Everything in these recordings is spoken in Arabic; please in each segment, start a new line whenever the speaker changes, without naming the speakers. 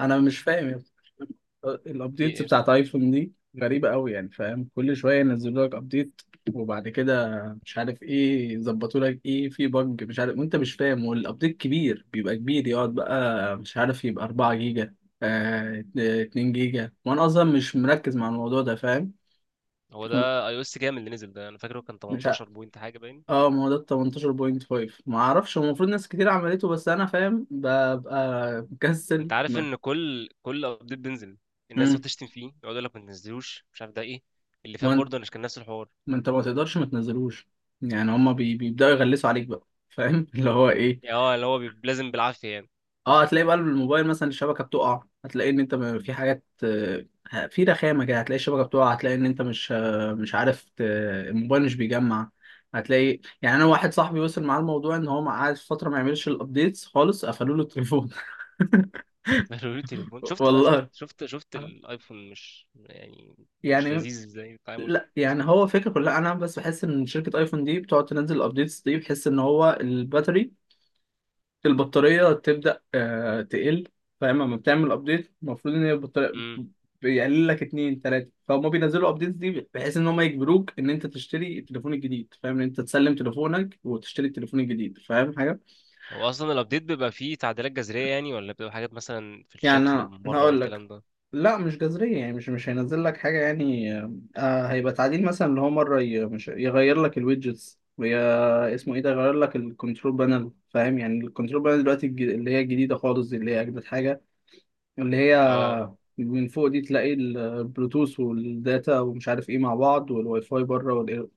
انا مش فاهم يا اسطى.
في
الابديتس
ايه؟
بتاعت ايفون دي غريبة قوي، يعني فاهم كل شوية ينزلوا لك ابديت وبعد كده مش عارف ايه، يظبطوا لك ايه في بج مش عارف وانت مش فاهم، والابديت كبير بيبقى كبير، يقعد بقى مش عارف يبقى 4 جيجا، آه 2 جيجا، وانا اصلا مش مركز مع الموضوع ده فاهم.
هو ده اي او اس كام اللي نزل ده؟ انا فاكره كان
مش عارف.
18 بوينت حاجه باين.
اه ما هو ده ال 18.5، ما اعرفش، هو المفروض ناس كتير عملته بس انا فاهم ببقى
انت
مكسل
عارف
ما.
ان كل ابديت بينزل الناس تقعد
مم.
تشتم فيه، يقعد يقول لك ما تنزلوش، مش عارف ده ايه. اللي فات برضه مش كان نفس الحوار؟
ما انت ما تقدرش ما تنزلوش. يعني هما بيبداوا يغلسوا عليك بقى فاهم اللي هو ايه.
اه، اللي هو لازم بالعافيه يعني.
اه هتلاقي بقى الموبايل مثلا الشبكه بتقع، هتلاقي ان انت في حاجات في رخامه كده، هتلاقي الشبكه بتقع، هتلاقي ان انت مش مش عارف الموبايل مش بيجمع. هتلاقي يعني انا واحد صاحبي وصل معاه الموضوع ان هو قعد فتره ما يعملش الابديتس خالص قفلوا له التليفون.
قالوا لي التليفون. شفت بقى؟ شفت
والله.
شفت شفت الايفون، مش يعني مش
يعني.
لذيذ زي التعامل.
لا يعني هو فكرة كلها، انا بس بحس ان شركة ايفون دي بتقعد تنزل الابديتس دي، بحس ان هو الباتري، البطارية تبدأ تقل. فاهم لما بتعمل ابديت المفروض ان هي البطارية
امم.
بت- بيقلل لك اتنين تلاتة، فهم بينزلوا ابديتس دي بحيث ان هم يجبروك ان انت تشتري التليفون الجديد، فاهم، ان انت تسلم تليفونك وتشتري التليفون الجديد فاهم حاجة.
هو اصلا الابديت بيبقى فيه تعديلات جذريه يعني، ولا بتبقى حاجات مثلا في
يعني
الشكل
انا
ومن
أنا
بره
هقول لك.
والكلام ده؟
لا مش جذرية يعني مش هينزل لك حاجة يعني. آه هيبقى تعديل مثلا اللي هو مرة مش يغير لك الويدجتس ويا اسمه ايه ده، يغير لك الكنترول بانل فاهم، يعني الكنترول بانل دلوقتي اللي هي الجديدة خالص دي، اللي هي اجدد حاجة. اللي هي
اه.
من فوق دي تلاقي البلوتوث والداتا ومش عارف ايه مع بعض، والواي فاي بره والاير،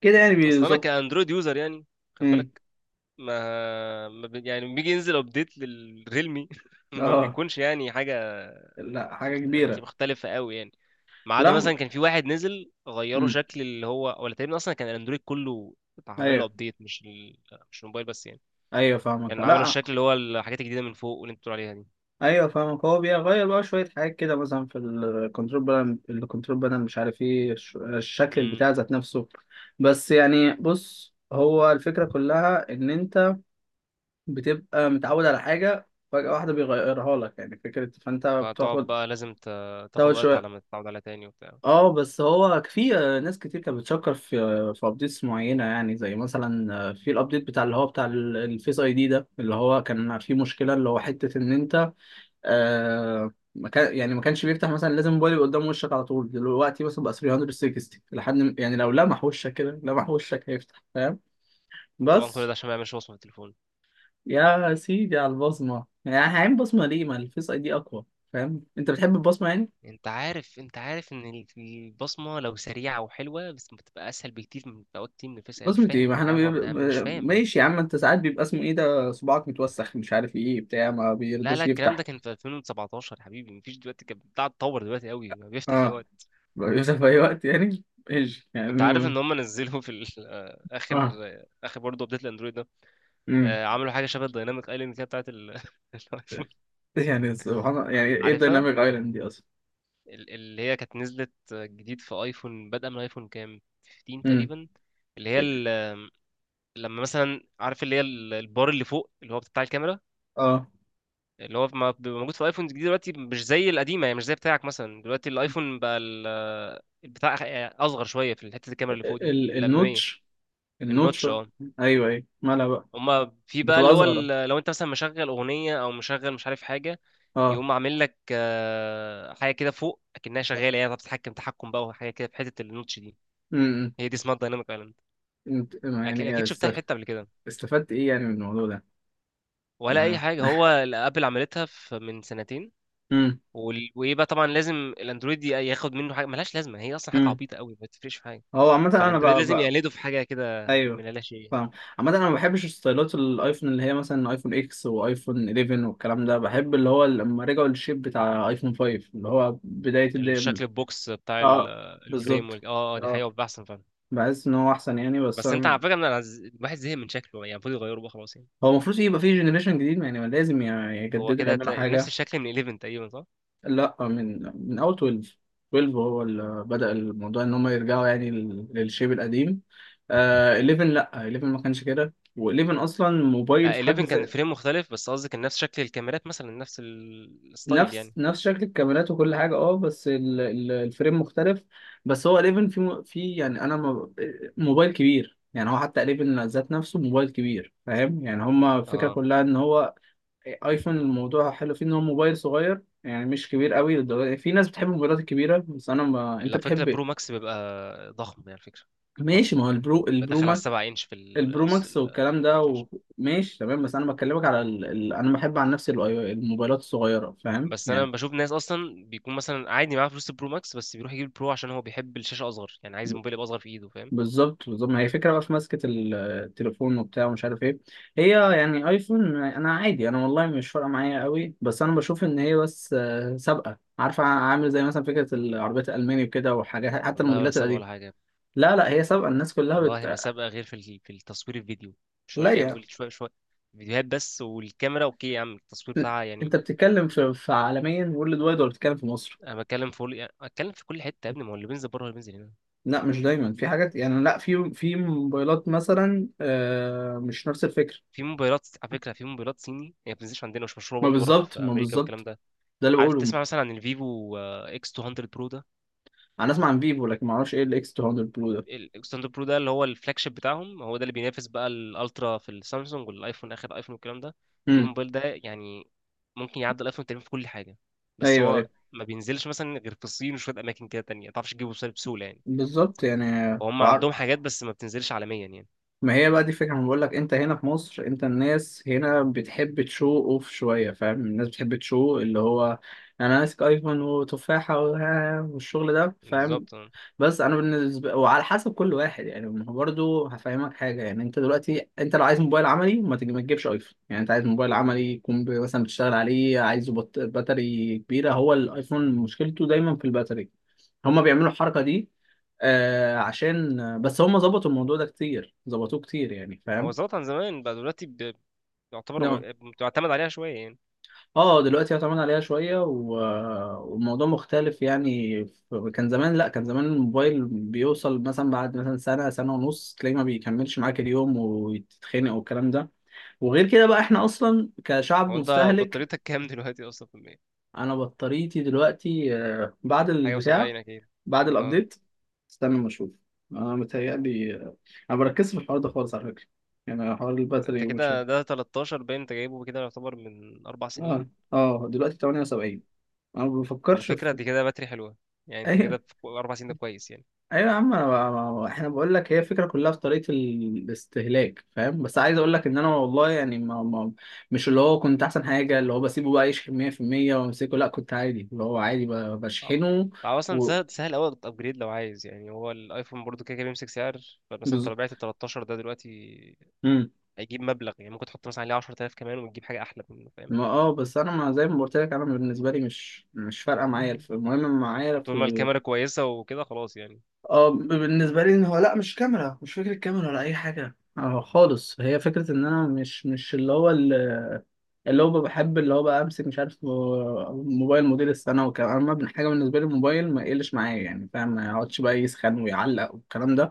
كده يعني
اصلا انا
بيظبط.
كاندرويد يوزر يعني، خد
امم.
بالك. ما, ما بي... يعني لما بيجي ينزل ابديت للريلمي ما
اه.
بيكونش يعني حاجه،
لا حاجه
يعني
كبيره.
مختلفه قوي يعني. ما عدا
لا.
مثلا كان في واحد نزل، غيروا
امم.
شكل اللي هو، ولا تقريبا اصلا كان الاندرويد كله عمل له
ايوه
ابديت. مش مش الموبايل بس يعني.
ايوه فاهمك.
كان عملوا
لا.
الشكل اللي هو الحاجات الجديده من فوق، واللي انت بتقول عليها دي.
ايوه فاهمك. هو بيغير بقى شويه حاجات كده، مثلا في الكنترول بانل، الكنترول بانل مش عارف ايه الشكل
امم.
بتاع ذات نفسه. بس يعني بص هو الفكره كلها ان انت بتبقى متعود على حاجه فجاه واحده بيغيرها لك، يعني فكره، فانت
فتقعد
بتاخد
بقى لازم تاخد
تاخد
وقت
شويه.
على ما تتعود عليها تاني وبتاع.
اه بس هو في ناس كتير كانت بتشكر في ابديتس معينه، يعني زي مثلا في الابديت بتاع اللي هو بتاع الفيس اي دي ده، اللي هو كان فيه مشكله، اللي هو حته ان انت ما كان يعني ما كانش بيفتح، مثلا لازم موبايل يبقى قدام وشك على طول، دلوقتي مثلا بقى 360 لحد يعني لو لمح وشك كده لمح وشك هيفتح فاهم.
طبعا كل ده
بس
عشان ما يعملش وصمه في التليفون.
يا سيدي على البصمه، يعني هعين بصمه ليه ما الفيس اي دي اقوى؟ فاهم انت بتحب البصمه يعني.
انت عارف ان البصمه لو سريعه وحلوه بس بتبقى اسهل بكتير، من بتبقى كتير من الفيس. انا مش
بصمة ايه
فاهم
ما
حوار،
احنا
كان الحوار ده انا مش فاهم بجد.
ماشي يا عم، انت ساعات بيبقى اسمه ايه ده صباعك متوسخ مش عارف ايه بتاع ما
لا لا،
بيرضاش
الكلام ده
يفتح.
كان في 2017 يا حبيبي، مفيش دلوقتي، كان بتاع اتطور دلوقتي قوي، ما بيفتح فيها
اه
وقت.
بيفتح في اي وقت يعني. ايش يعني.
انت عارف ان هم نزلوا في اخر
اه.
اخر برضه ابديت الاندرويد ده.
امم.
عملوا حاجه شبه الدايناميك ايلاند كده بتاعت الايفون.
يعني سبحان الله يعني ايه
عارفها؟
الديناميك ايلاند دي اصلا؟
اللي هي كانت نزلت جديد في ايفون. بدأ من ايفون كام؟ 15
امم.
تقريبا. اللي هي لما مثلا، عارف اللي هي البار اللي فوق اللي هو بتاع الكاميرا،
اه
اللي هو بيبقى موجود في الايفون الجديد دلوقتي، مش زي القديمه يعني، مش زي بتاعك مثلا. دلوقتي الايفون بقى البتاع اصغر شويه في حته الكاميرا اللي فوق دي، الاماميه.
النوتش. النوتش.
النوتش، اه.
ايوه ايوه مالها بقى؟
هما في بقى اللي
بتبقى
هو
اصغر.
لو انت مثلا مشغل اغنيه او مشغل مش عارف حاجه،
اه.
يقوم عامل لك حاجه كده فوق اكنها شغاله يعني، بتتحكم تحكم بقى وحاجه كده في حته النوتش دي.
امم.
هي دي اسمها الدايناميك ايلاند. اكيد
يعني
أكيد شفتها في حته قبل كده.
استفدت ايه يعني من الموضوع ده؟
ولا اي
آه.
حاجه، هو اللي ابل عملتها في من سنتين.
امم.
ويبقى طبعا لازم الاندرويد ياخد منه حاجه ملهاش لازمه، هي اصلا حاجه
امم.
عبيطه قوي، ما تفرقش في حاجه.
هو عامة انا
فالاندرويد لازم يقلده في حاجه كده
ايوه
من لا شيء.
فاهم. عامة انا ما بحبش ستايلات الايفون اللي هي مثلا ايفون اكس وايفون 11 والكلام ده، بحب اللي هو لما رجعوا للشيب بتاع ايفون 5، اللي هو بداية الدقيقة.
الشكل البوكس بتاع
اه
الفريم
بالظبط.
اه اه، دي
اه
حقيقه بيبقى احسن فعلا.
بحس ان هو احسن يعني، بس
بس انت على فكره إن انا الواحد زهق من شكله يعني، المفروض يغيره بقى خلاص يعني.
هو المفروض يبقى فيه جنريشن جديد، يعني لازم
هو
يجددوا
كده
يعملوا
نفس
حاجة.
الشكل من 11 تقريبا، صح؟
لا من اول 12. 12 هو اللي بدأ الموضوع ان هم يرجعوا يعني للشيب القديم. آه 11 لا 11 ما كانش كده، و11 اصلا موبايل
آه
في حد.
11 كان فريم مختلف، بس قصدي كان نفس شكل الكاميرات مثلا، نفس الستايل
نفس
يعني.
نفس شكل الكاميرات وكل حاجه اه بس الفريم مختلف. بس هو 11 في في يعني انا موبايل كبير، يعني هو حتى 11 ذات نفسه موبايل كبير فاهم يعني. هما الفكره
اه،
كلها ان هو ايفون، الموضوع حلو فيه ان هو موبايل صغير، يعني مش كبير قوي للدرجه دي. في ناس بتحب الموبايلات الكبيره بس انا ما انت
على فكره
بتحب
برو
إيه؟
ماكس بيبقى ضخم يعني، على فكره.
ماشي
ضخم
ما هو
يعني،
البرو، البرو
بدخل على
ماك
7 انش في
البرو ماكس والكلام ده.
الشاشه.
ماشي تمام، بس انا بكلمك على انا بحب عن نفسي الموبايلات الصغيره فاهم
بس انا
يعني.
بشوف ناس اصلا بيكون مثلا عادي معاه فلوس البرو ماكس، بس بيروح يجيب البرو عشان هو بيحب الشاشه اصغر يعني، عايز الموبايل يبقى اصغر في ايده، فاهم.
بالظبط بالظبط، ما هي فكرة بقى في ماسكة التليفون وبتاع ومش عارف ايه هي. يعني ايفون انا عادي، انا والله مش فارقة معايا قوي بس انا بشوف ان هي بس سابقة، عارفة عامل زي مثلا فكرة العربيات الالماني وكده، وحاجات حتى
والله ولا
الموديلات
سابقه
القديمة.
ولا حاجه.
لا لا هي سابقة الناس كلها
والله ما سابقه غير في في التصوير الفيديو. مش هو
لا
يعني،
يا،
بقول شويه شويه فيديوهات بس. والكاميرا اوكي يا عم، التصوير بتاعها يعني.
انت بتتكلم في عالميا وورلد وايد ولا بتتكلم في مصر؟
انا بتكلم في، يعني اتكلم في كل حته يا ابني، ما هو اللي بينزل بره اللي بينزل هنا.
لا مش دايما، في حاجات يعني، لا في موبايلات مثلا مش نفس الفكرة.
في موبايلات على فكره، في موبايلات صيني هي ما بتنزلش عندنا، مش مشهوره
ما
برضه بره في
بالظبط ما
امريكا والكلام
بالظبط،
ده.
ده اللي
عارف
بقوله.
تسمع مثلا عن الفيفو اكس 200 برو ده؟
انا اسمع عن فيفو لكن ما اعرفش ايه الاكس 200 برو ده.
الستاند اب برو ده اللي هو الفلاج شيب بتاعهم، هو ده اللي بينافس بقى الالترا في السامسونج والايفون، اخر ايفون والكلام ده. البيبي
امم.
موبايل ده يعني ممكن يعدي الايفون تقريبا في كل حاجه. بس
ايوه
هو
ايوه
ما بينزلش مثلا غير في الصين وشويه اماكن كده تانية، ما تعرفش تجيبه بسهوله، بسهولة يعني.
بالظبط يعني.
وهم
وعر...
عندهم حاجات بس ما بتنزلش عالميا يعني.
ما هي بقى دي الفكره انا بقول لك، انت هنا في مصر، انت الناس هنا بتحب تشو اوف شويه، فاهم الناس بتحب تشو اللي هو، انا ماسك ايفون وتفاحه والشغل ده فاهم.
بالظبط اه.
بس انا بالنسبه وعلى حسب كل واحد يعني، ما هو برضه هفهمك حاجه، يعني انت دلوقتي انت لو عايز موبايل عملي ما ما تجيبش ايفون، يعني انت عايز موبايل عملي يكون مثلا بتشتغل عليه عايزه باتري كبيره، هو الايفون مشكلته دايما في الباتري. هما بيعملوا الحركه دي آه، عشان بس هما ظبطوا الموضوع ده كتير، ظبطوه كتير يعني
هو
فاهم.
ظبط عن زمان، بقى دلوقتي يعتبر بتعتمد عليها شويه يعني.
اه دلوقتي اعتمد عليها شوية والموضوع مختلف يعني، كان زمان، لا كان زمان الموبايل بيوصل مثلا بعد مثلا سنة سنة ونص تلاقيه ما بيكملش معاك اليوم وتتخنق والكلام ده. وغير كده بقى احنا اصلا
هو
كشعب
انت
مستهلك.
بطاريتك كام دلوقتي اصلا في المية؟
انا بطاريتي دلوقتي بعد
حاجه و70
البتاع،
اكيد.
بعد
اه،
الابديت. استنى ما اشوف. انا متهيألي انا ما بركزش في الحوار ده خالص على فكرة، يعني حوار
انت
الباتري ومش عارف.
كده ده 13، باين انت جايبه كده يعتبر من 4 سنين.
اه اه دلوقتي 78. انا ما
على
بفكرش
فكرة
في
دي كده باتري حلوة، يعني انت
اي
كده في 4 سنين ده كويس يعني.
ايوه يا عم. انا بقى احنا بقول لك هي الفكره كلها في طريقه الاستهلاك فاهم، بس عايز اقول لك ان انا والله يعني ما مش اللي هو كنت احسن حاجه اللي هو بسيبه بقى يشحن 100% وامسكه، لا كنت عادي اللي هو عادي
طبعا.
بشحنه.
طبعا، أصلا
و
سهل سهل أوي أبجريد لو عايز، يعني هو الأيفون برضو كده كده بيمسك سعر. فمثلا أنت
بز...
لو بعت ال 13 ده دلوقتي
مم.
هيجيب مبلغ، يعني ممكن تحط مثلا عليه 10,000 كمان وتجيب حاجة أحلى منه، فاهم.
ما اه بس انا ما زي ما قلت لك انا بالنسبه لي مش فارقه معايا المهم معايا
طول ما
في
الكاميرا كويسة وكده، خلاص يعني.
اه. بالنسبه لي ان هو لا مش كاميرا، مش فكره كاميرا ولا اي حاجه اه خالص، هي فكره ان انا مش اللي هو، اللي هو بحب اللي هو بقى امسك مش عارف موبايل موديل السنه وكلام، اما ابن حاجه بالنسبه لي الموبايل ما يقلش معايا يعني، فاهم ما يقعدش بقى يسخن ويعلق والكلام ده.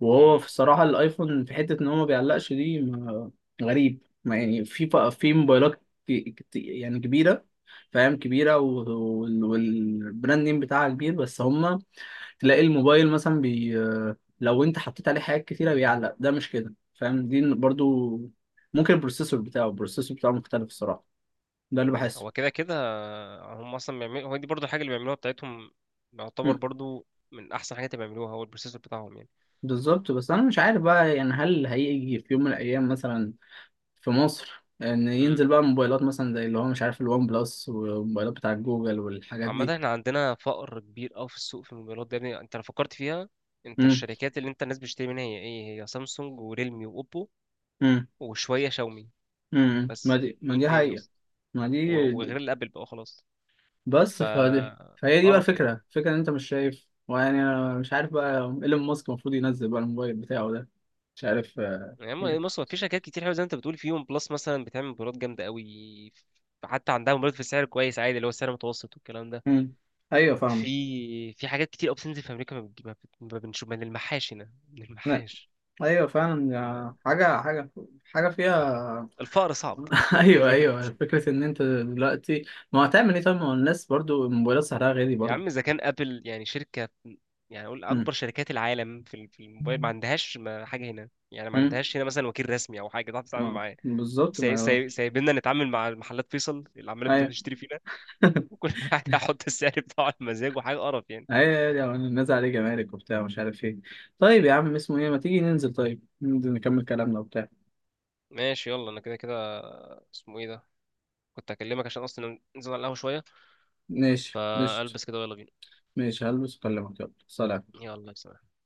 وهو
امم.
في الصراحه الايفون في حته ان هو ما بيعلقش دي غريب ما يعني في في موبايلات يعني كبيره، فاهم كبيره والبراند نيم بتاعها كبير، بس هما تلاقي الموبايل مثلا لو انت حطيت عليه حاجات كتيره بيعلق، ده مش كده فاهم، دي برضو ممكن البروسيسور بتاعه، البروسيسور بتاعه مختلف الصراحه، ده اللي بحسه.
هو كده كده هم أصلا بيعملوا، هو دي برضو الحاجة اللي بيعملوها بتاعتهم، يعتبر
مم.
برضو من أحسن حاجات اللي بيعملوها هو البروسيسور بتاعهم.
بالظبط، بس انا مش عارف بقى يعني هل هيجي في يوم من الايام مثلا في مصر ان
يعني
ينزل بقى موبايلات مثلا زي اللي هو مش عارف الوان بلس والموبايلات بتاعت جوجل والحاجات
عامة
دي.
احنا عندنا فقر كبير أوي في السوق في الموبايلات ده يا ابني، انت لو فكرت فيها انت،
امم.
الشركات اللي انت الناس بتشتري منها هي ايه؟ هي سامسونج وريلمي واوبو
امم.
وشوية شاومي.
ما
بس
دي، ما
مين
دي
تاني
حقيقة.
اصلا؟
ما دي
وغير الابل بقى خلاص. ف
بس فدي فهي دي بقى
قرف يعني.
الفكرة ان انت مش شايف، ويعني انا مش عارف بقى. ايلون ماسك المفروض ينزل بقى الموبايل بتاعه ده مش عارف
يعني
يعني.
بص، هو في شركات كتير حلوة زي ما انت بتقول، في ون بلس مثلا بتعمل موبايلات جامدة أوي، حتى عندها موبايلات في سعر كويس عادي اللي هو سعر متوسط والكلام ده.
مم. ايوه فاهمك.
في في حاجات كتير أوي بتنزل في أمريكا، ما بتجيبها، ما بنشوف من المحاش هنا، من
لا،
المحاش.
ايوه فعلا حاجة حاجة حاجة فيها.
الفقر صعب
ايوه ايوه فكره ان انت دلوقتي، ما هو هتعمل ايه طيب، ما هو الناس برضو الموبايلات سعرها غالي
يا
برضو.
عم اذا كان ابل يعني شركه، يعني اقول
امم.
اكبر شركات العالم في في الموبايل، ما عندهاش حاجه هنا يعني، ما
امم.
عندهاش هنا مثلا وكيل رسمي او حاجه تعرف تتعامل
اه
معاه.
بالظبط ما.
سايبيننا نتعامل مع محلات فيصل اللي عماله
ايوه
بتشتري فينا. وكل واحد هيحط السعر بتاعه على مزاجه، حاجه قرف يعني.
ايوه أيوة، الناس عليه جمارك وبتاع مش عارف ايه. طيب يا عم اسمه ايه، ما تيجي ننزل، طيب ننزل نكمل كلامنا وبتاع.
ماشي، يلا انا كده كده، اسمه ايه ده، كنت هكلمك عشان اصلا ننزل على القهوه شويه.
ماشي. ماشي
فالبس كده ويلا بينا.
ماشي هلبس اكلمك يلا سلام.
يلا سلام.